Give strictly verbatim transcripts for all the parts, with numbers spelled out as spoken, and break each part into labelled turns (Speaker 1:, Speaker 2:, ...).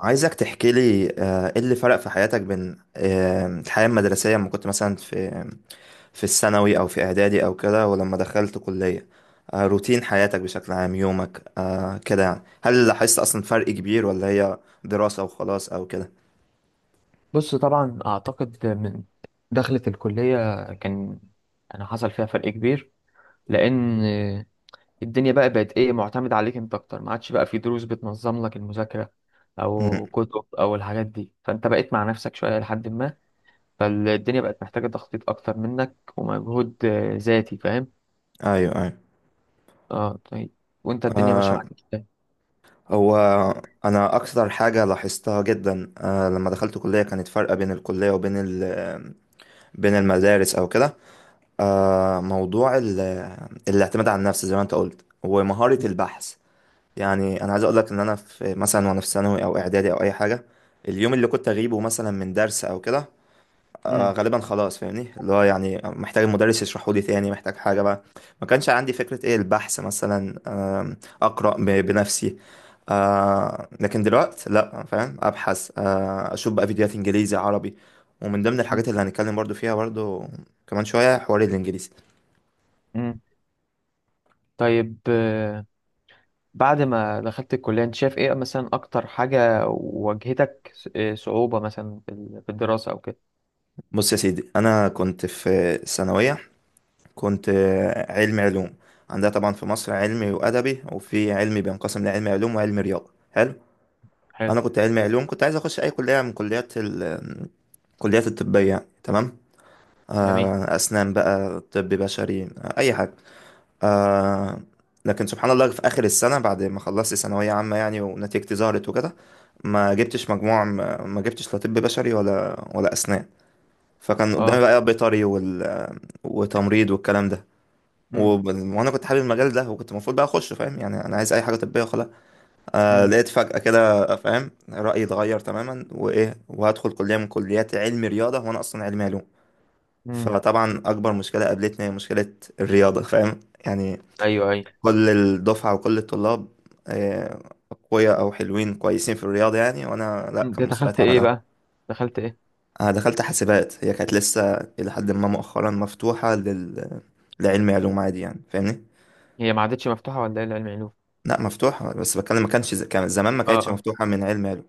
Speaker 1: عايزك تحكي لي آه، ايه اللي فرق في حياتك بين آه، الحياة المدرسية لما كنت مثلا في في الثانوي او في اعدادي او كده، ولما دخلت كلية آه، روتين حياتك بشكل عام، يومك آه، كده، يعني هل لاحظت اصلا فرق كبير ولا هي دراسة وخلاص او كده؟
Speaker 2: بص طبعا اعتقد من دخلة الكلية كان انا حصل فيها فرق كبير، لان الدنيا بقى بقت ايه معتمد عليك انت اكتر، ما عادش بقى في دروس بتنظم لك المذاكرة او
Speaker 1: مم.
Speaker 2: كتب او الحاجات دي. فانت بقيت مع نفسك شوية لحد ما، فالدنيا بقت محتاجة تخطيط اكتر منك ومجهود آه، ذاتي، فاهم.
Speaker 1: ايوه، ايوه.
Speaker 2: اه، طيب. وانت الدنيا ماشية معاك ازاي؟
Speaker 1: هو انا اكتر حاجة لاحظتها جدا آه، لما دخلت كلية كانت فرقة بين الكلية وبين ال- بين المدارس او كده. آه موضوع ال- الاعتماد على النفس زي ما انت قلت، ومهارة البحث. يعني انا عايز اقول لك ان انا في مثلا، وانا في ثانوي او اعدادي او اي حاجة، اليوم اللي كنت اغيبه مثلا من درس او كده آه
Speaker 2: مم.
Speaker 1: غالبا خلاص، فاهمني، اللي هو يعني محتاج المدرس يشرحه لي تاني، محتاج حاجة بقى. ما كانش عندي فكرة ايه البحث مثلا، آم، اقرأ ب- بنفسي. آه لكن دلوقتي لا، فاهم، ابحث، آه اشوف بقى فيديوهات انجليزي عربي، ومن ضمن الحاجات اللي هنتكلم برضو فيها برضو كمان شوية حوار الانجليزي.
Speaker 2: مم. طيب، بعد ما دخلت الكلية انت شايف ايه مثلا اكتر حاجة واجهتك، ص- إيه صعوبة مثلا في ال- في الدراسة او كده؟
Speaker 1: بص يا سيدي، انا كنت في ثانويه، كنت علمي علوم. عندها طبعا في مصر علمي وادبي، وفي علمي بينقسم لعلمي علوم وعلمي رياضه، حلو.
Speaker 2: حلو.
Speaker 1: انا كنت علمي علوم، كنت عايز اخش اي كليه من كليات ال... كليات الطبيه يعني. تمام.
Speaker 2: جميل.
Speaker 1: آه، اسنان بقى، طب بشري، آه، اي حاجه. آه، لكن سبحان الله في اخر السنه، بعد ما خلصت ثانويه عامه يعني، ونتيجتي ظهرت وكده، ما جبتش مجموع، ما ما جبتش لا طب بشري ولا ولا اسنان. فكان قدامي
Speaker 2: اه.
Speaker 1: بقى بيطري وال... وتمريض والكلام ده و...
Speaker 2: امم.
Speaker 1: وانا كنت حابب المجال ده، وكنت المفروض بقى اخش، فاهم، يعني انا عايز اي حاجه طبيه وخلاص. آه
Speaker 2: امم.
Speaker 1: لقيت فجاه كده، فاهم، رايي اتغير تماما، وايه وهدخل كليه من كليات علم رياضه وانا اصلا علمي علوم.
Speaker 2: امم.
Speaker 1: فطبعا اكبر مشكله قابلتني هي مشكله الرياضه، فاهم. يعني
Speaker 2: ايوه، ايوه.
Speaker 1: كل الدفعه وكل الطلاب آه، اقوياء او حلوين كويسين في الرياضه يعني، وانا لا،
Speaker 2: انت
Speaker 1: كان مستواي
Speaker 2: دخلت ايه
Speaker 1: تعبان.
Speaker 2: بقى؟ دخلت ايه؟
Speaker 1: انا دخلت حاسبات، هي كانت لسه الى حد ما مؤخرا مفتوحه لل لعلم علوم عادي، يعني فاهمني.
Speaker 2: هي ما عادتش مفتوحة، ولا ايه، العلم علوم؟
Speaker 1: لا، مفتوحه، بس بتكلم ما كانش ز- كان زمان ما
Speaker 2: اه.
Speaker 1: كانتش
Speaker 2: اه.
Speaker 1: مفتوحه من علم علوم.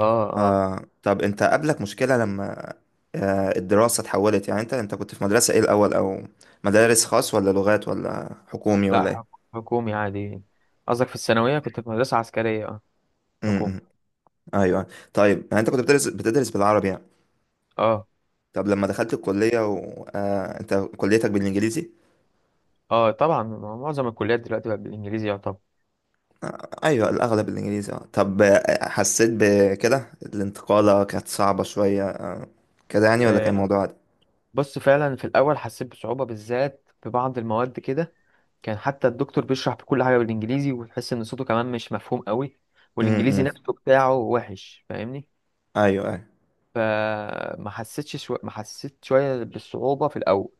Speaker 2: اه. اه.
Speaker 1: آه طب انت قابلك مشكله لما آه الدراسه اتحولت، يعني انت انت كنت في مدرسه ايه الاول، او مدارس خاص ولا لغات ولا حكومي
Speaker 2: لا،
Speaker 1: ولا
Speaker 2: حك-
Speaker 1: ايه؟
Speaker 2: حكومي عادي. قصدك في الثانوية كنت في مدرسة عسكرية، اه، حكومي.
Speaker 1: امم. ايوه. طيب يعني انت كنت بتدرس بتدرس بالعربي يعني.
Speaker 2: اه.
Speaker 1: طب لما دخلت الكليه و... آه انت كليتك بالانجليزي.
Speaker 2: اه طبعا، مع- معظم الكليات دلوقتي بقت بالانجليزي يعتبر.
Speaker 1: ايوه الاغلب الانجليزي. اه. طب آه، حسيت بكده الانتقالة كانت صعبة شوية آه، كده يعني، ولا كان
Speaker 2: آه،
Speaker 1: الموضوع عادي؟
Speaker 2: بص، فعلا في الاول حسيت بصعوبة بالذات في بعض المواد كده. كان حتى الدكتور بيشرح بكل حاجة بالإنجليزي وتحس إن صوته كمان مش مفهوم قوي، والإنجليزي
Speaker 1: امم.
Speaker 2: نفسه بتاعه وحش، فاهمني.
Speaker 1: ايوه، ايوه.
Speaker 2: فما حسيتش شو... ما حسيت شوية بالصعوبة في الأول،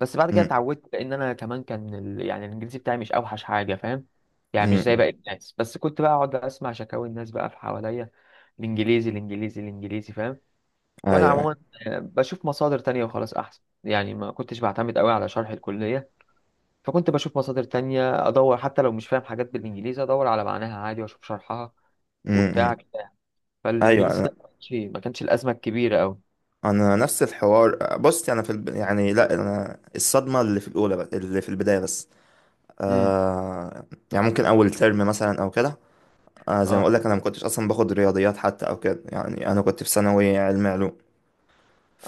Speaker 2: بس بعد كده
Speaker 1: امم،
Speaker 2: اتعودت، لأن أنا كمان كان ال... يعني الإنجليزي بتاعي مش أوحش حاجة، فاهم. يعني مش زي
Speaker 1: امم.
Speaker 2: باقي الناس، بس كنت بقى أقعد أسمع شكاوي الناس بقى في حواليا: الإنجليزي، الإنجليزي، الإنجليزي، فاهم.
Speaker 1: ايوه،
Speaker 2: وأنا
Speaker 1: ايوه.
Speaker 2: عموما آه، بشوف مصادر تانية وخلاص أحسن، يعني ما كنتش بعتمد قوي على شرح الكلية. فكنت بشوف مصادر تانية، أدور حتى لو مش فاهم حاجات بالإنجليزي، أدور على معناها عادي وأشوف شرحها وبتاع
Speaker 1: امم.
Speaker 2: كده.
Speaker 1: ايوه،
Speaker 2: فالإنجليزي ده
Speaker 1: انا
Speaker 2: ما كانش ما كانش الأزمة الكبيرة أوي.
Speaker 1: انا نفس الحوار، بص، انا في الب... يعني لا، انا الصدمة اللي في الاولى بس، اللي في البداية بس.
Speaker 2: أمم.
Speaker 1: آه يعني ممكن اول ترم مثلا او كده. آه زي ما
Speaker 2: أه.
Speaker 1: اقول لك، انا ما كنتش اصلا باخد رياضيات حتى او كده، يعني انا كنت في ثانوي علم علوم.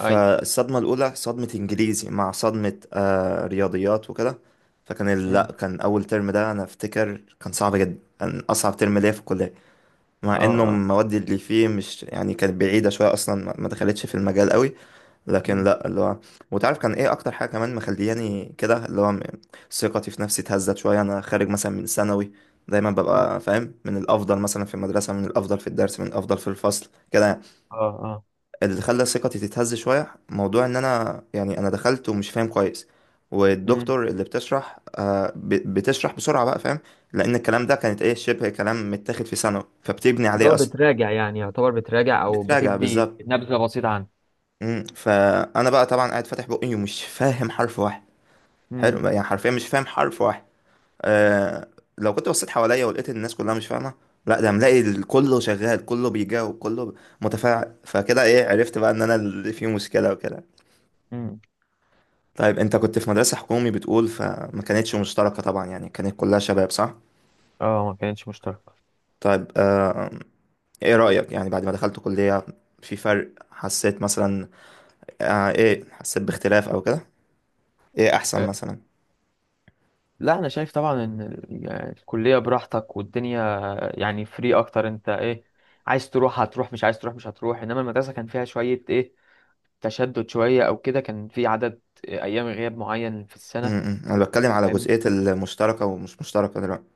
Speaker 2: أي.
Speaker 1: الأولى صدمة إنجليزي مع صدمة آه رياضيات وكده. فكان ال-
Speaker 2: أمم.
Speaker 1: لا، كان أول ترم ده أنا أفتكر كان صعب جدا، كان أصعب ترم ليا في الكلية.
Speaker 2: أه.
Speaker 1: مع إنه
Speaker 2: أه.
Speaker 1: المواد اللي فيه مش يعني كانت بعيدة شوية، أصلا ما ما دخلتش في المجال قوي. لكن
Speaker 2: مم.
Speaker 1: لا، اللي هو، وتعرف كان إيه أكتر حاجة كمان مخلياني كده، اللي هو م- ثقتي في نفسي اتهزت شوية. أنا خارج مثلا من ثانوي، دايما
Speaker 2: مم.
Speaker 1: ببقى فاهم، من الأفضل مثلا في المدرسة، من الأفضل في الدرس، من الأفضل في الفصل كده يعني.
Speaker 2: أه. أه.
Speaker 1: اللي خلى ثقتي تتهز شوية موضوع ان انا، يعني انا دخلت ومش فاهم كويس،
Speaker 2: أمم.
Speaker 1: والدكتور اللي بتشرح آه، ب- بتشرح بسرعة بقى، فاهم. لان الكلام ده كانت ايه شبه كلام متاخد في ثانوي، فبتبني
Speaker 2: اللي
Speaker 1: عليه
Speaker 2: هو
Speaker 1: اصلا.
Speaker 2: بتراجع يعني، يعتبر بتراجع او
Speaker 1: بتراجع
Speaker 2: بتدي
Speaker 1: بالظبط.
Speaker 2: نبذة بسيطة عنه.
Speaker 1: مم. فانا بقى طبعا قاعد فاتح بقي ومش فاهم حرف واحد.
Speaker 2: أمم.
Speaker 1: حلو يعني، حرفيا مش فاهم حرف واحد. آه لو كنت بصيت حواليا ولقيت إن الناس كلها مش فاهمة، لا، ده ملاقي ال- كله شغال، كله بيجاوب، كله متفاعل. فكده ايه، عرفت بقى ان انا اللي فيه مشكلة وكده.
Speaker 2: أمم.
Speaker 1: طيب انت كنت في مدرسة حكومي بتقول، فما كانتش مشتركة طبعا يعني، كانت كلها شباب، صح؟
Speaker 2: أه، ما كانتش مشتركة.
Speaker 1: طيب آه ايه رأيك يعني، بعد ما دخلت كلية في فرق حسيت مثلا، آه ايه حسيت باختلاف او كده؟ ايه احسن
Speaker 2: آه،
Speaker 1: مثلا؟
Speaker 2: لا، أنا شايف طبعا إن ال- يعني الكلية براحتك، والدنيا يعني فري أكتر. أنت إيه، عايز تروح هتروح، مش عايز تروح مش هتروح. إنما المدرسة كان فيها شوية إيه، تشدد شوية أو كده. كان في عدد أيام غياب معين في السنة،
Speaker 1: امم. انا بتكلم على
Speaker 2: فاهم.
Speaker 1: جزئية المشتركة ومش مشتركة دلوقتي.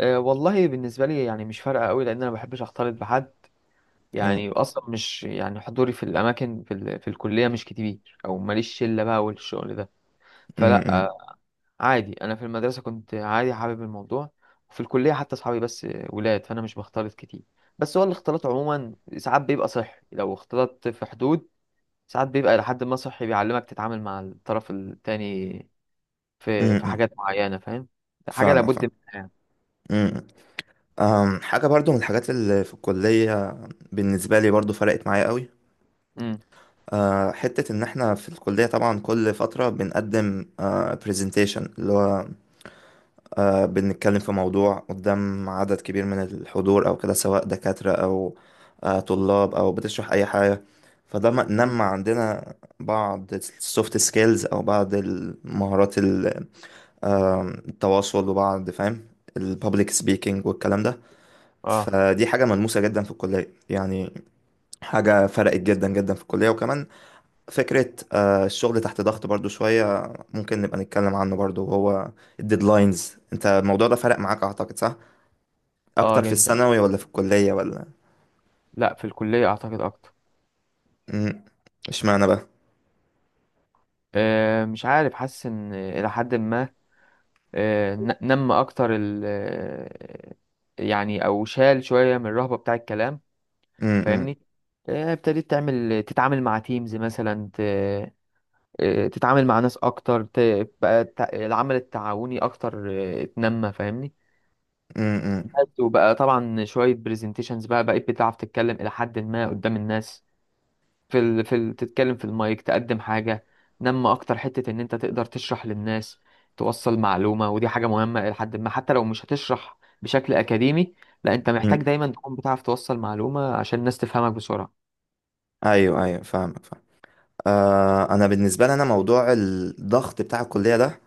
Speaker 2: أه، والله بالنسبة لي يعني مش فارقة أوي، لأن أنا ما بحبش أختلط بحد.
Speaker 1: امم،
Speaker 2: يعني أصلا مش يعني حضوري في الأماكن في, ال... في الكلية مش كتير، أو ماليش شلة بقى والشغل ده. فلا،
Speaker 1: امم.
Speaker 2: أه، عادي. أنا في المدرسة كنت عادي حابب الموضوع، وفي الكلية حتى أصحابي بس ولاد، فأنا مش بختلط كتير. بس هو الاختلاط عموما ساعات بيبقى صحي لو اختلطت في حدود، ساعات بيبقى لحد ما صحي، بيعلمك تتعامل مع الطرف التاني في في
Speaker 1: امم.
Speaker 2: حاجات معينة، فاهم. حاجة
Speaker 1: فاهم،
Speaker 2: لابد
Speaker 1: فاهم.
Speaker 2: منها يعني.
Speaker 1: امم. أم، حاجة برضو من الحاجات اللي في الكلية بالنسبة لي برضو فرقت معايا قوي.
Speaker 2: امم.
Speaker 1: آه، حتة إن إحنا في الكلية طبعا كل فترة بنقدم برزنتيشن، اللي هو آه، بنتكلم في موضوع قدام عدد كبير من الحضور أو كده، سواء دكاترة أو آه، طلاب، أو بتشرح أي حاجة. فده م-
Speaker 2: امم.
Speaker 1: نمى عندنا بعض السوفت سكيلز أو بعض المهارات ال- آم، التواصل، وبعض فاهم، البابليك سبيكينج والكلام ده.
Speaker 2: اه،
Speaker 1: فدي حاجة ملموسة جدا في الكلية يعني. حاجة فرقت جدا جدا في الكلية، وكمان فكرة آه، الشغل تحت ضغط برضو شوية، ممكن نبقى نتكلم عنه برضو، وهو الديدلاينز. انت الموضوع ده فرق معاك اعتقد، صح؟
Speaker 2: اه
Speaker 1: اكتر في
Speaker 2: جدا.
Speaker 1: الثانوي ولا في الكلية ولا؟
Speaker 2: لا، في الكلية اعتقد اكتر.
Speaker 1: مم. اشمعنى بقى؟
Speaker 2: آه مش عارف، حاسس ان الى حد ما، آه ن- نم اكتر، ال آه، يعني او شال شوية من الرهبة بتاع الكلام،
Speaker 1: مم. مم.
Speaker 2: فاهمني. آه ابتديت تعمل تتعامل مع تيمز مثلا، ت... آه، تتعامل مع ناس اكتر، ت... بقى التع- العمل التعاوني اكتر آه، اتنمى، فاهمني.
Speaker 1: مم.
Speaker 2: بس. وبقى طبعا شوية برزنتيشنز، بقى بقيت بتعرف تتكلم إلى حد ما قدام الناس، في ال... في ال... تتكلم في المايك، تقدم حاجة. نما أكتر حتة إن أنت تقدر تشرح للناس، توصل معلومة. ودي حاجة مهمة إلى حد ما، حتى لو مش هتشرح بشكل أكاديمي، لا أنت محتاج
Speaker 1: مم.
Speaker 2: دايما تكون بتعرف توصل معلومة عشان الناس تفهمك بسرعة.
Speaker 1: ايوه، ايوه، فاهمك، فاهم. آه انا بالنسبة لي، انا موضوع الضغط بتاع الكلية ده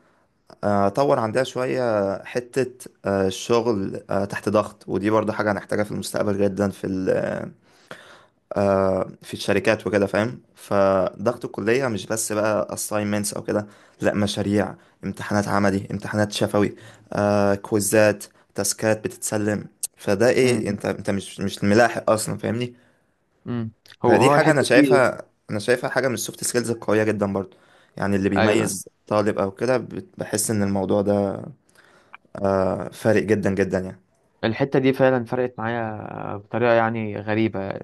Speaker 1: آه، طور عندها شوية. حتة آه، الشغل آه، تحت ضغط، ودي برضو حاجة هنحتاجها في المستقبل جدا، في ال آه، في الشركات وكده، فاهم. فضغط الكلية مش بس بقى assignments أو كده، لا، مشاريع، امتحانات عملي، امتحانات شفوي، آه، كويزات، تاسكات بتتسلم. فده ايه،
Speaker 2: امم.
Speaker 1: انت انت مش مش ملاحق اصلا، فاهمني.
Speaker 2: امم. هو
Speaker 1: فدي
Speaker 2: هو
Speaker 1: حاجة انا
Speaker 2: الحتة دي.
Speaker 1: شايفها، انا شايفها حاجة من السوفت سكيلز القوية جدا برضو، يعني اللي
Speaker 2: أيوه.
Speaker 1: بيميز طالب او كده. بت- بحس ان الموضوع ده آه، فارق جدا جدا يعني.
Speaker 2: الحتة دي فعلا فرقت معايا بطريقة يعني غريبة.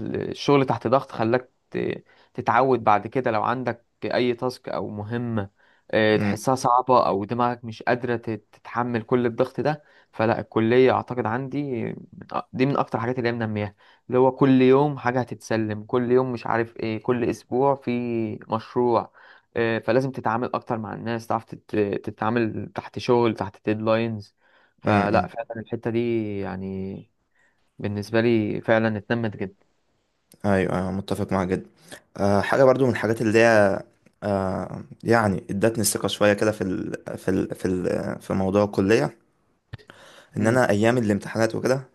Speaker 2: الشغل تحت ضغط خلاك ت- تتعود بعد كده لو عندك أي تاسك أو مهمة آه،
Speaker 1: م-
Speaker 2: تحسها صعبة، أو دماغك مش قادرة تت- تتحمل كل الضغط ده. فلا، الكلية أعتقد عندي من أ- دي من أكتر الحاجات اللي هي منمياها. اللي هو كل يوم حاجة هتتسلم، كل يوم مش عارف إيه، كل أسبوع في مشروع. آه، فلازم تتعامل أكتر مع الناس، تعرف تت- تتعامل تحت شغل تحت ديدلاينز.
Speaker 1: م-
Speaker 2: فلا
Speaker 1: م.
Speaker 2: فعلا الحتة دي يعني بالنسبة لي فعلا اتنمت جدا.
Speaker 1: ايوه، أيوة، متفق معاك جدا. آه، حاجة برضو من الحاجات اللي هي آه يعني ادتني الثقة شوية كده في ال في ال في ال في موضوع الكلية. ان
Speaker 2: امم.
Speaker 1: انا ايام الامتحانات وكده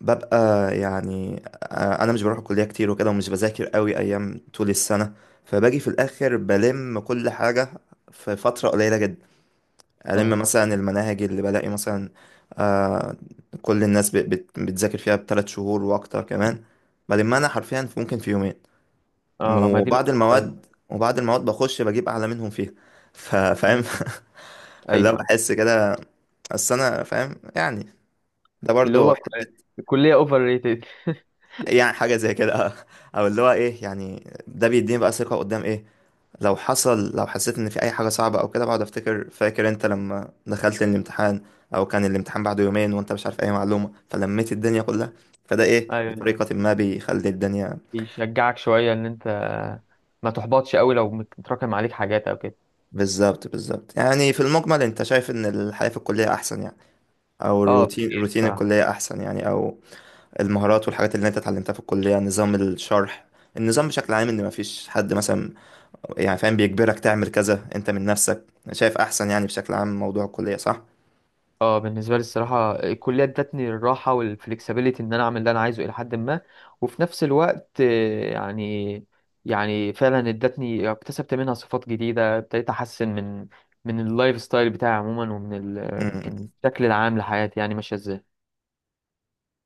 Speaker 1: ببقى، يعني آه انا مش بروح الكلية كتير وكده، ومش بذاكر قوي ايام طول السنة، فباجي في الاخر بلم كل حاجة في فترة قليلة جدا. ألم
Speaker 2: اه.
Speaker 1: مثلا المناهج اللي بلاقي مثلا آه كل الناس بت- بت- بتذاكر فيها بثلاث شهور وأكتر كمان، بلمها أنا حرفيا في- ممكن في يومين.
Speaker 2: اه، ما دي
Speaker 1: وبعض
Speaker 2: نقطة قوية.
Speaker 1: المواد وبعض المواد بخش بجيب اعلى منهم فيها. ف- فاهم.
Speaker 2: امم.
Speaker 1: فاللي هو
Speaker 2: ايوه.
Speaker 1: بحس كده، اصل انا فاهم يعني. ده
Speaker 2: اللي
Speaker 1: برضو
Speaker 2: هو ك- الكلية اوفر ريتد
Speaker 1: يعني حاجه زي كده. او اللي هو ايه يعني، ده بيديني بقى ثقه قدام ايه. لو حصل، لو حسيت ان في اي حاجه صعبه او كده، بقعد افتكر فاكر انت لما دخلت الامتحان، او كان الامتحان بعده يومين وانت مش عارف اي معلومه، فلميت الدنيا كلها. فده ايه،
Speaker 2: ايوه، أيوة.
Speaker 1: بطريقه ما بيخلي الدنيا.
Speaker 2: بيشجعك شوية ان انت ما تحبطش قوي لو متراكم عليك حاجات او كده.
Speaker 1: بالظبط، بالظبط. يعني في المجمل انت شايف ان الحياه في الكليه احسن يعني، او
Speaker 2: اه،
Speaker 1: الروتين
Speaker 2: بكتير
Speaker 1: روتين
Speaker 2: الصراحة.
Speaker 1: الكليه احسن يعني، او المهارات والحاجات اللي انت اتعلمتها في الكليه، نظام الشرح، النظام بشكل عام، ان مفيش حد مثلا يعني فاهم بيجبرك تعمل كذا، انت من نفسك، شايف احسن يعني بشكل عام موضوع الكليه،
Speaker 2: اه، بالنسبه لي الصراحه الكليه ادتني الراحه والفلكسبيليتي ان انا اعمل اللي انا عايزه الى حد ما. وفي نفس الوقت آه، يعني، يعني فعلا ادتني، اكتسبت منها صفات جديده، ابتديت احسن من، من اللايف ستايل بتاعي عموما، ومن ال- من
Speaker 1: صح؟
Speaker 2: الشكل العام لحياتي يعني ماشيه ازاي